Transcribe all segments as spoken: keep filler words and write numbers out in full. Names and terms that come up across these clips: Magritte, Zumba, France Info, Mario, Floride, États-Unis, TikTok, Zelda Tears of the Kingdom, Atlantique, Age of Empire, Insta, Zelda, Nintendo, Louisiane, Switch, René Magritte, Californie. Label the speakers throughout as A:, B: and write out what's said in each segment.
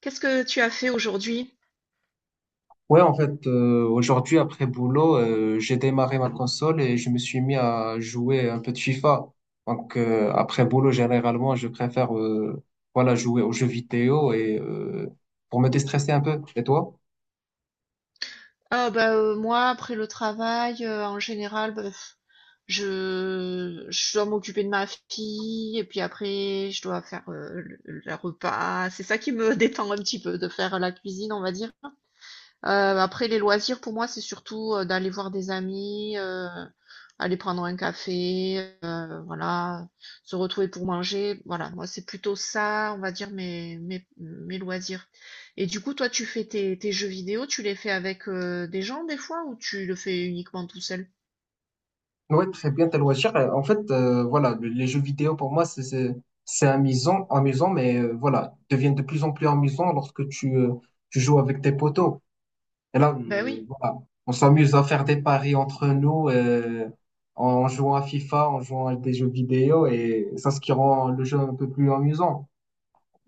A: Qu'est-ce que tu as fait aujourd'hui?
B: Ouais, en fait, euh, aujourd'hui, après boulot, euh, j'ai démarré ma console et je me suis mis à jouer un peu de FIFA. Donc, euh, après boulot, généralement, je préfère euh, voilà, jouer aux jeux vidéo et euh, pour me déstresser un peu. Et toi?
A: Ah bah euh, moi après le travail euh, en général bah, pff, je je dois m'occuper de ma fille et puis après je dois faire euh, le, le repas. C'est ça qui me détend un petit peu de faire la cuisine on va dire. Euh, après, les loisirs, pour moi, c'est surtout euh, d'aller voir des amis, euh, aller prendre un café, euh, voilà, se retrouver pour manger. Voilà, moi, c'est plutôt ça, on va dire, mes, mes, mes loisirs. Et du coup, toi, tu fais tes, tes jeux vidéo, tu les fais avec euh, des gens des fois ou tu le fais uniquement tout seul?
B: Ouais, très bien, tes loisirs. Euh, En fait, euh, voilà, le- les jeux vidéo, pour moi, c'est c'est c'est amusant, amusant, mais euh, voilà, ils deviennent de plus en plus amusants lorsque tu, euh, tu joues avec tes potos. Et là,
A: Ben
B: euh,
A: oui,
B: voilà, on s'amuse à faire des paris entre nous euh, en jouant à FIFA, en jouant à des jeux vidéo, et ça, ce qui rend le jeu un peu plus amusant.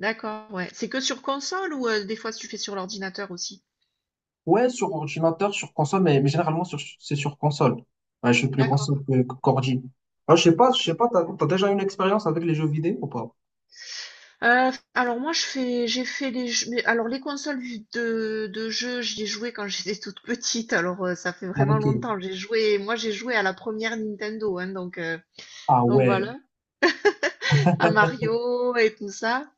A: d'accord, ouais. C'est que sur console ou euh, des fois tu fais sur l'ordinateur aussi?
B: Ouais, sur ordinateur, sur console, mais, mais généralement, sur, c'est sur console. Ouais, je suis plus
A: D'accord,
B: console que, que ordi. Ah, je sais pas, je
A: ok.
B: sais pas, t'as, t'as déjà une expérience avec les jeux vidéo ou pas?
A: Heu, alors moi je fais j'ai fait les jeux mais alors les consoles de de jeux, j'y ai joué quand j'étais toute petite, alors, heu, ça fait
B: Ah,
A: vraiment
B: ok.
A: longtemps. J'ai joué Moi j'ai joué à la première Nintendo, hein, donc, heu,
B: Ah
A: donc
B: ouais,
A: voilà, à Mario et tout ça.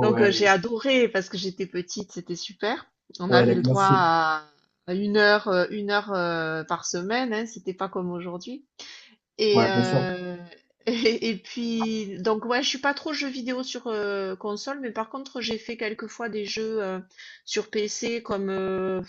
A: Donc, heu, j'ai adoré parce que j'étais petite, c'était super. On
B: ouais,
A: avait
B: les
A: le droit
B: classiques.
A: à à 1 heure, heu, 1 heure, heu, par semaine, hein, c'était pas comme aujourd'hui.
B: Ouais,
A: Et,
B: bien sûr.
A: euh, et, et puis, donc, ouais, je suis pas trop jeux vidéo sur euh, console, mais par contre, j'ai fait quelques fois des jeux euh, sur P C comme euh,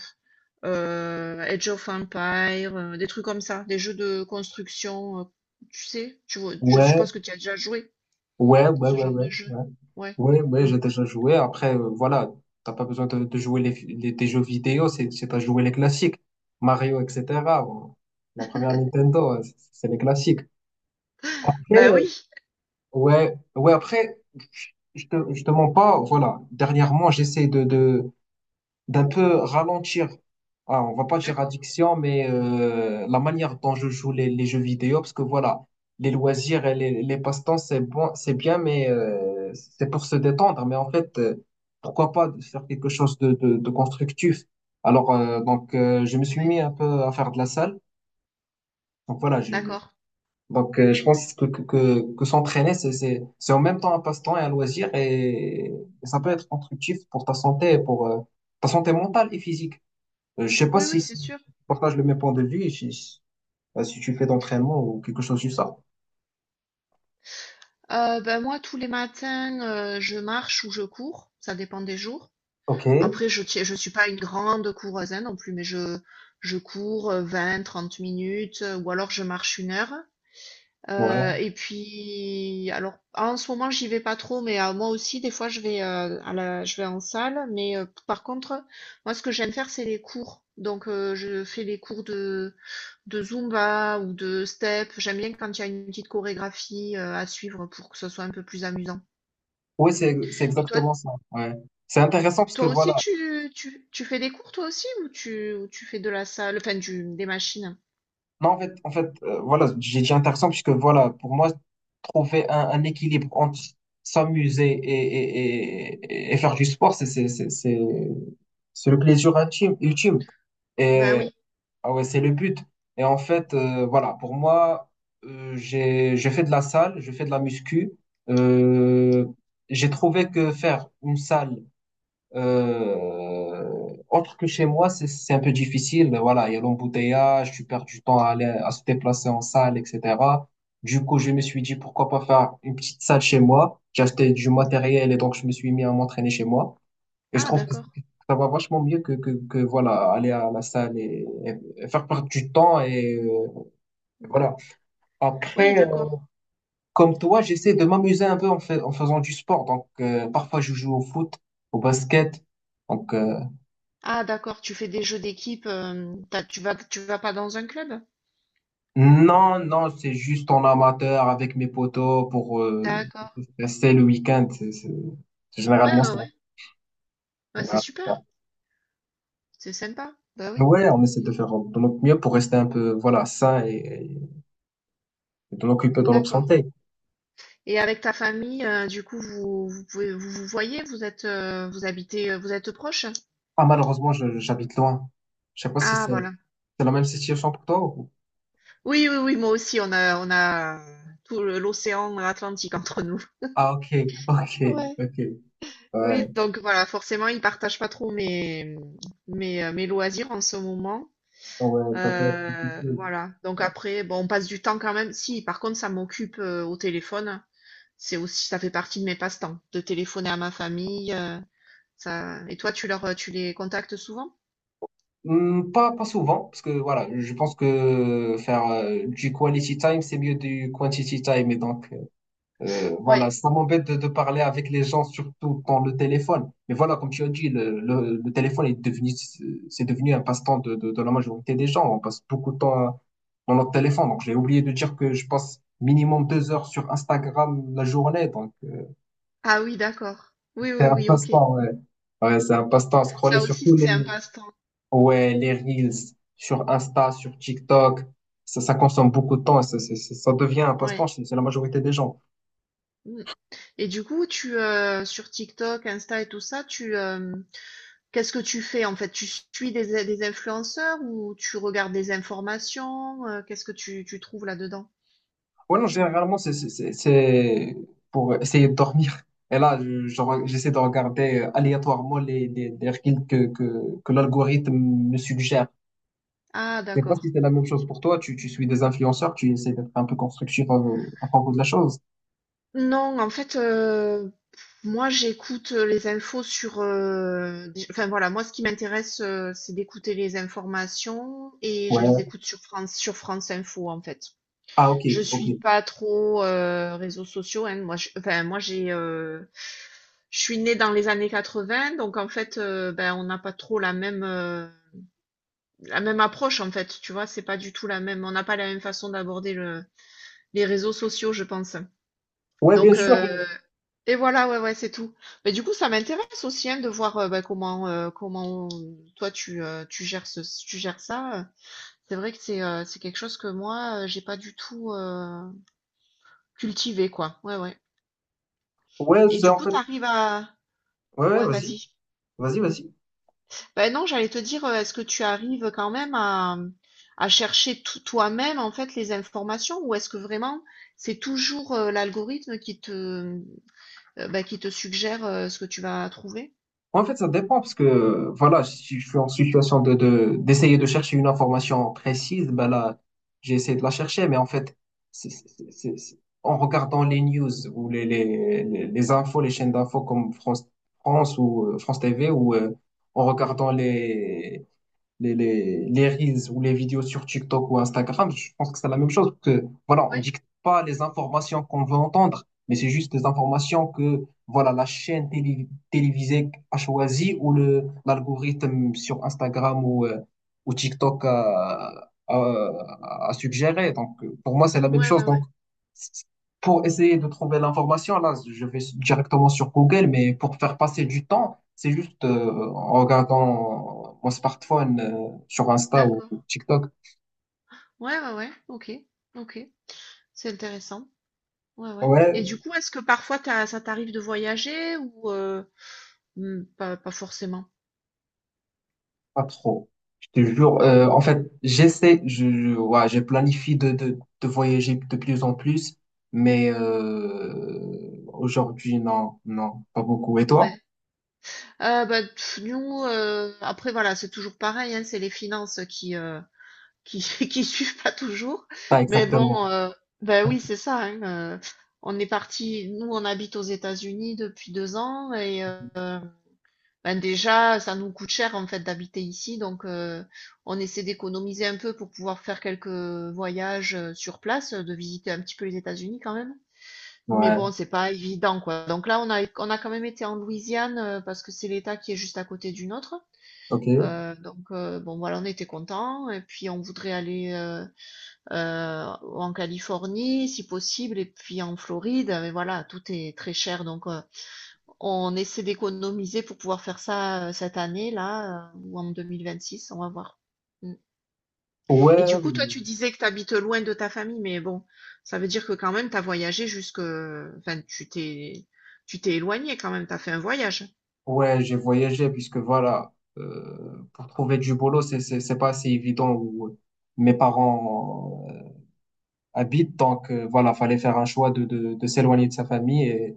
A: euh, Age of Empire, euh, des trucs comme ça, des jeux de construction. Euh, tu sais, tu vois, je
B: Ouais,
A: suppose que tu as déjà joué
B: ouais, ouais,
A: ce
B: ouais,
A: genre
B: ouais.
A: de jeu.
B: Ouais.
A: Ouais.
B: Oui, oui,
A: Mm.
B: j'ai déjà joué. Après, euh, voilà, t'as pas besoin de, de jouer les, les- des jeux vidéo, c'est, c'est à jouer les classiques. Mario, et cetera Bon, la première Nintendo, euh, c'est c'est les classiques. Après,
A: Bah
B: euh,
A: oui,
B: ouais, ouais, après, je je te, je te mens pas, voilà. Dernièrement, j'essaie de, de, d'un peu ralentir, ah, on va pas dire
A: d'accord.
B: addiction, mais euh, la manière dont je joue les, les jeux vidéo, parce que voilà, les loisirs et les, les passe-temps, c'est bon, c'est bien, mais euh, c'est pour se détendre. Mais en fait, euh, pourquoi pas faire quelque chose de, de, de constructif? Alors, euh, donc, euh, je me suis
A: Ouais,
B: mis un peu à faire de la salle. Donc voilà, je,
A: d'accord.
B: donc, euh, je pense que, que, que, que s'entraîner, c'est, c'est, c'est en même temps un passe-temps et un loisir, et, et ça peut être constructif pour ta santé, et pour euh, ta santé mentale et physique. Euh, je sais pas
A: Oui,
B: si,
A: oui, c'est
B: si
A: sûr.
B: tu partages le même point de vue, et si, euh, si tu fais d'entraînement ou quelque chose du ça.
A: Euh, ben moi, tous les matins, euh, je marche ou je cours, ça dépend des jours.
B: Ok.
A: Après, je tiens- je suis pas une grande coureuse hein, non plus, mais je, je cours euh, vingt, trente minutes euh, ou alors je marche une heure. Euh,
B: Ouais.
A: et puis, alors en ce moment, j'y vais pas trop, mais euh, moi aussi, des fois, je vais, euh, à la, je vais en salle. Mais euh, par contre, moi, ce que j'aime faire, c'est les cours. Donc, euh, je fais les cours de, de Zumba ou de step. J'aime bien quand il y a une petite chorégraphie euh, à suivre pour que ce soit un peu plus amusant.
B: Oui, c'est, c'est
A: Et toi,
B: exactement ça. Ouais. C'est intéressant parce que
A: Toi aussi,
B: voilà.
A: tu, tu, tu fais des cours, toi aussi, ou tu, ou tu fais de la salle, enfin, du, des machines?
B: Non, en fait, en fait, euh, voilà, j'ai dit intéressant parce que voilà, pour moi, trouver un, un équilibre entre s'amuser et, et, et, et faire du sport, c'est, c'est, c'est, c'est, c'est le plaisir ultime, ultime.
A: Bah
B: Et
A: oui.
B: Ah ouais, c'est le but. Et en fait, euh, voilà, pour moi, euh, j'ai, je fais de la salle, je fais de la muscu. Euh, j'ai trouvé que faire une salle euh, autre que chez moi, c'est, c'est un peu difficile. Voilà, il y a l'embouteillage, tu perds du temps à aller, à se déplacer en salle, et cetera. Du coup, je me suis dit, pourquoi pas faire une petite salle chez moi. J'ai acheté du
A: Mm.
B: matériel et donc je me suis mis à m'entraîner chez moi. Et je
A: Ah,
B: trouve que
A: d'accord.
B: ça va vachement mieux que, que, que voilà, aller à la salle et, et faire perdre du temps. Et euh,
A: Mm.
B: voilà.
A: Oui,
B: Après, euh,
A: d'accord.
B: comme toi, j'essaie de m'amuser un peu en, fait, en faisant du sport. Donc, euh, parfois, je joue au foot, au basket. Donc, euh,
A: Ah, d'accord, tu fais des jeux d'équipe, euh, t'as- tu vas, tu vas pas dans un club?
B: non, non, c'est juste en amateur avec mes potos pour euh,
A: D'accord.
B: rester le week-end. C'est, c'est- c'est-
A: Ouais, ouais,
B: généralement ça.
A: ouais. Ouais, c'est
B: Généralement ça.
A: super. C'est sympa. Bah oui,
B: Ouais, on essaie de faire de notre mieux pour rester un peu, voilà, sain et, et de l'occuper dans notre
A: d'accord.
B: santé.
A: Et avec ta famille, euh, du coup, vous, vous pouvez, vous vous voyez, vous êtes, euh, vous habitez, euh, vous êtes proches?
B: Ah, malheureusement, je- j'habite loin. Je sais pas si
A: Ah,
B: c'est
A: voilà.
B: c'est la même situation pour toi ou...
A: Oui, oui, oui, moi aussi, on a, on a tout le- l'océan Atlantique entre nous.
B: Ah, ok, ok,
A: Ouais.
B: ok. Ouais,
A: Oui, donc voilà, forcément, ils partagent pas trop mes, mes, euh, mes loisirs en ce moment.
B: ouais, ouais, ça peut être
A: Euh,
B: difficile.
A: voilà. Donc
B: Ouais.
A: après, bon, on passe du temps quand même. Si, par contre, ça m'occupe euh, au téléphone. C'est aussi, ça fait partie de mes passe-temps, de téléphoner à ma famille. euh, ça... Et toi, tu leur, euh, tu les contactes souvent?
B: Hmm, pas, pas souvent, parce que voilà, je pense que faire euh, du quality time, c'est mieux du quantity time. Et donc, Euh,
A: Ouais.
B: voilà, ça m'embête de, de parler avec les gens, surtout dans le téléphone. Mais voilà, comme tu as dit, le, le, le téléphone est devenu, c'est devenu un passe-temps de, de, de la majorité des gens. On passe beaucoup de temps à- dans notre téléphone. Donc, j'ai oublié de dire que je passe minimum deux heures sur Instagram la journée. Donc, euh,
A: Ah oui, d'accord. Oui,
B: c'est
A: oui,
B: un
A: oui, ok.
B: passe-temps, ouais. Ouais, c'est un passe-temps à scroller
A: Ça
B: sur
A: aussi,
B: tous
A: c'est un
B: les,
A: passe-temps.
B: ouais, les Reels, sur Insta, sur TikTok. Ça, ça consomme beaucoup de temps. Et ça, ça ça- ça devient un passe-temps
A: Ouais.
B: chez chez la majorité des gens.
A: Mm. Et du coup, tu, euh, sur TikTok, Insta et tout ça, tu, euh, qu'est-ce que tu fais en fait? Tu suis des, des influenceurs ou tu regardes des informations? Euh, Qu'est-ce que tu, tu trouves là-dedans?
B: Ouais, non, généralement, c'est c'est- c'est- c'est pour essayer de dormir. Et là, je- je re- j'essaie de regarder euh, aléatoirement les, les, les reels que, que, que l'algorithme me suggère.
A: Ah,
B: Je sais pas
A: d'accord.
B: si c'est la même chose pour toi. Tu, tu suis des influenceurs, tu essaies d'être un peu constructif à, à propos de la chose.
A: Non, en fait, euh, moi j'écoute les infos sur... euh, des- enfin voilà, moi ce qui m'intéresse, euh, c'est d'écouter les informations et je les
B: Ouais.
A: écoute sur France, sur France Info en fait.
B: Ah, ok,
A: Je suis
B: ok.
A: pas trop euh, réseaux sociaux, hein. Moi, je- enfin, moi j'ai... euh, je suis née dans les années quatre-vingts, donc en fait, euh, ben, on n'a pas trop la même... euh, la même approche en fait, tu vois, c'est pas du tout la même, on n'a pas la même façon d'aborder le, les réseaux sociaux, je pense.
B: Ouais, bien
A: Donc,
B: sûr.
A: euh, et voilà, ouais, ouais, c'est tout. Mais du coup, ça m'intéresse aussi hein, de voir euh, bah, comment, euh, comment toi tu, euh, tu gères ce, tu gères ça. C'est vrai que c'est euh, c'est quelque chose que moi, euh, j'ai pas du tout euh, cultivé, quoi. Ouais, ouais.
B: Ouais,
A: Et
B: c'est
A: du
B: en
A: coup,
B: fait.
A: t'arrives à.
B: Ouais, ouais,
A: Ouais,
B: vas-y.
A: vas-y.
B: Vas-y, vas-y.
A: Ben non, j'allais te dire, euh, est-ce que tu arrives quand même à, à chercher tout- toi-même en fait les informations ou est-ce que vraiment c'est toujours euh, l'algorithme qui te, euh, ben, qui te suggère euh, ce que tu vas trouver?
B: En fait, ça dépend parce que euh, voilà, si je suis en situation de, de- d'essayer de chercher une information précise, ben là, j'ai essayé de la chercher, mais en fait, c'est, c'est- c'est- c'est- en regardant les news ou les, les, les, les infos, les chaînes d'infos comme France, France ou euh, France T V, ou euh, en regardant les, les, les, les reels ou les vidéos sur TikTok ou Instagram, je pense que c'est la même chose. Que, voilà, on
A: Ouais,
B: dicte pas les informations qu'on veut entendre, mais c'est juste des informations que voilà, la chaîne télé- télévisée a choisi ou le, l'algorithme sur Instagram ou, euh, ou TikTok a, a, a suggéré. Donc, euh, pour moi, c'est la même
A: ouais, ouais,
B: chose.
A: ouais,
B: Donc, c- pour essayer de trouver l'information, là, je vais directement sur Google, mais pour faire passer du temps, c'est juste euh, en regardant mon smartphone euh, sur Insta ou
A: d'accord.
B: TikTok.
A: Ouais, ouais, ouais, ok, ok, c'est intéressant. Ouais, ouais.
B: Ouais,
A: Et du coup, est-ce que parfois t'as- ça t'arrive de voyager ou euh, hmm, pas, pas forcément?
B: pas trop. Je te jure.
A: Non?
B: Euh, en fait, j'essaie, je, je- ouais, je planifie de, de, de voyager de plus en plus, mais euh, aujourd'hui, non, non, pas beaucoup. Et toi?
A: Ouais. Euh, ben, pff, nous, euh, après voilà, c'est toujours pareil, hein, c'est les finances qui, euh, qui qui suivent pas toujours.
B: Pas
A: Mais
B: exactement.
A: bon, heu, bah, oui, c'est ça, hein, heu, on est parti nous, on habite aux États-Unis depuis deux ans et heu, bah, déjà, ça nous coûte cher, en fait, d'habiter ici donc heu, on essaie d'économiser un peu pour pouvoir faire quelques voyages, heu, sur place, euh, de visiter un petit peu les États-Unis quand même. Mais
B: Ouais,
A: bon, c'est pas évident, quoi. Donc là, on a on a quand même été en Louisiane, heu, parce que c'est l'État qui est juste à côté du nôtre.
B: ok.
A: Heu, donc heu, bon, voilà, on était contents et puis on voudrait aller, heu heu, ou en Californie si possible et puis en Floride, mais voilà, tout est très cher donc, heu, on essaie d'économiser pour pouvoir faire ça, heu, cette année-là, heu, ou en deux mille vingt-six, on va voir. Mmh
B: Ouais,
A: et du
B: euh,
A: coup, toi, tu disais que tu habites loin de ta famille, mais bon, ça veut dire que quand même tu as voyagé jusque enfin tu t'es tu t'es éloigné quand même, tu as fait un voyage?
B: ouais, j'ai voyagé puisque voilà, euh, pour trouver du boulot, c'est, c'est, c'est pas assez évident. Ou, mes parents habite. Donc euh, voilà, fallait faire un choix de, de, de s'éloigner de sa famille et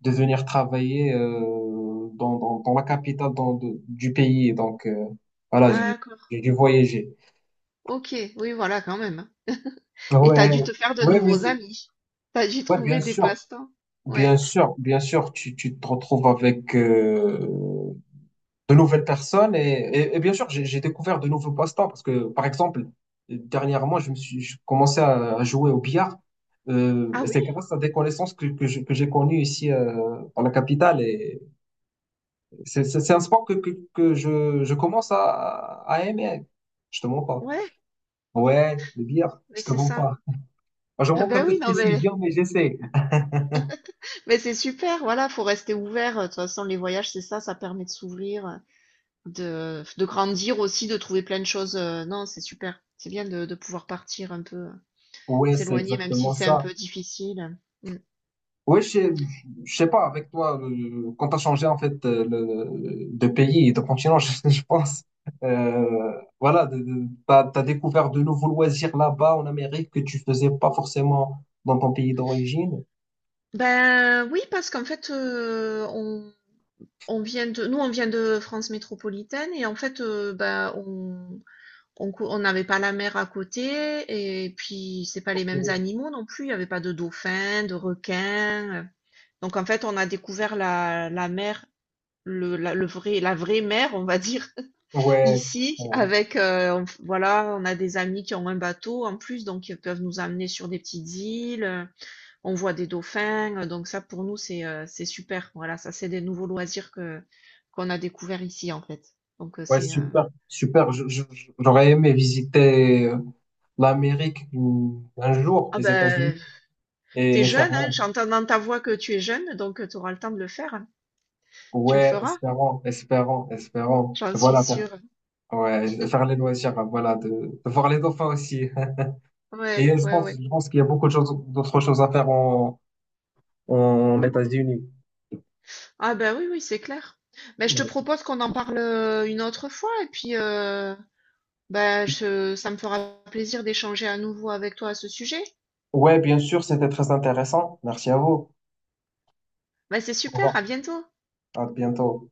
B: de venir travailler euh, dans, dans, dans la capitale dans, de- du pays. Et donc euh, voilà, j'ai
A: D'accord.
B: j'ai dû voyager.
A: Ok, oui, voilà, quand même. Hein. Et t'as
B: Ouais,
A: dû te faire de
B: ouais, mais
A: nouveaux
B: c'est-
A: amis. T'as dû
B: ouais, bien
A: trouver des
B: sûr,
A: passe-temps. Ouais.
B: bien sûr, bien sûr, tu, tu te retrouves avec euh, de nouvelles personnes et, et- et bien sûr, j'ai j'ai découvert de nouveaux passe-temps parce que, par exemple, dernièrement, je me suis je commençais à, à jouer au billard. Euh,
A: Ah
B: et c'est
A: oui,
B: grâce à des connaissances que, que je- que j'ai connues ici euh, dans la capitale et c'est c'est- c'est un sport que, que, que je, je commence à, à aimer. Je te mens pas.
A: ouais,
B: Ouais, le billard,
A: mais
B: je te
A: c'est
B: mens
A: ça.
B: pas. J'en
A: Ah
B: manque un
A: ben
B: peu
A: oui,
B: de
A: non, mais,
B: précision, mais j'essaie.
A: mais c'est super, voilà, faut rester ouvert. De toute façon, les voyages, c'est ça, ça permet de s'ouvrir, de, de grandir aussi, de trouver plein de choses. euh, Non, c'est super. C'est bien de, de pouvoir partir un peu, euh,
B: Ouais, c'est
A: s'éloigner, même si
B: exactement
A: c'est un
B: ça.
A: peu difficile. Mm.
B: Oui, je sais, je sais pas, avec toi, euh, quand tu as changé en fait euh, le- de pays et de continent, je, je pense, euh, voilà, tu as, découvert de nouveaux loisirs là-bas en Amérique que tu faisais pas forcément dans ton pays d'origine.
A: Ben oui, parce qu'en fait, euh, on On vient de, nous, on vient de France métropolitaine et en fait, euh, bah, on, on, cou- on n'avait pas la mer à côté et puis c'est pas les
B: Ok.
A: mêmes animaux non plus. Il n'y avait pas de dauphins, de requins. Donc en fait, on a découvert la, la mer, le, la, le vrai, la vraie mer, on va dire,
B: Ouais,
A: ici
B: ouais,
A: avec, euh, on- voilà, on a des amis qui ont un bateau en plus, donc ils peuvent nous amener sur des petites îles. On voit des dauphins, euh, donc ça pour nous c'est, heu, c'est super. Voilà, ça c'est des nouveaux loisirs que qu'on a découvert ici en fait. Donc, heu,
B: ouais,
A: c'est, heu
B: super, super. Je- je- je- J'aurais aimé visiter euh, l'Amérique mm, un jour,
A: ah
B: les États-Unis,
A: ben, t'es
B: et faire,
A: jeune,
B: voilà.
A: hein, j'entends dans ta voix que tu es jeune, donc, tu auras le temps de le faire, hein. Tu le
B: Ouais,
A: feras?
B: espérons, espérons, espérons.
A: J'en suis
B: Voilà,
A: sûre.
B: ouais, faire les loisirs, voilà, de, de voir les dauphins aussi.
A: Ouais,
B: Et je
A: ouais, ouais.
B: pense, je pense qu'il y a beaucoup de choses, d'autres choses à faire en, en États-Unis.
A: Ah ben oui, oui, c'est clair. Mais je te propose qu'on en parle, heu, une autre fois et puis, heu, bah, je ça me fera plaisir d'échanger à nouveau avec toi à ce sujet.
B: Ouais, bien sûr, c'était très intéressant. Merci à vous.
A: Ben c'est
B: Au revoir.
A: super, à bientôt.
B: À bientôt.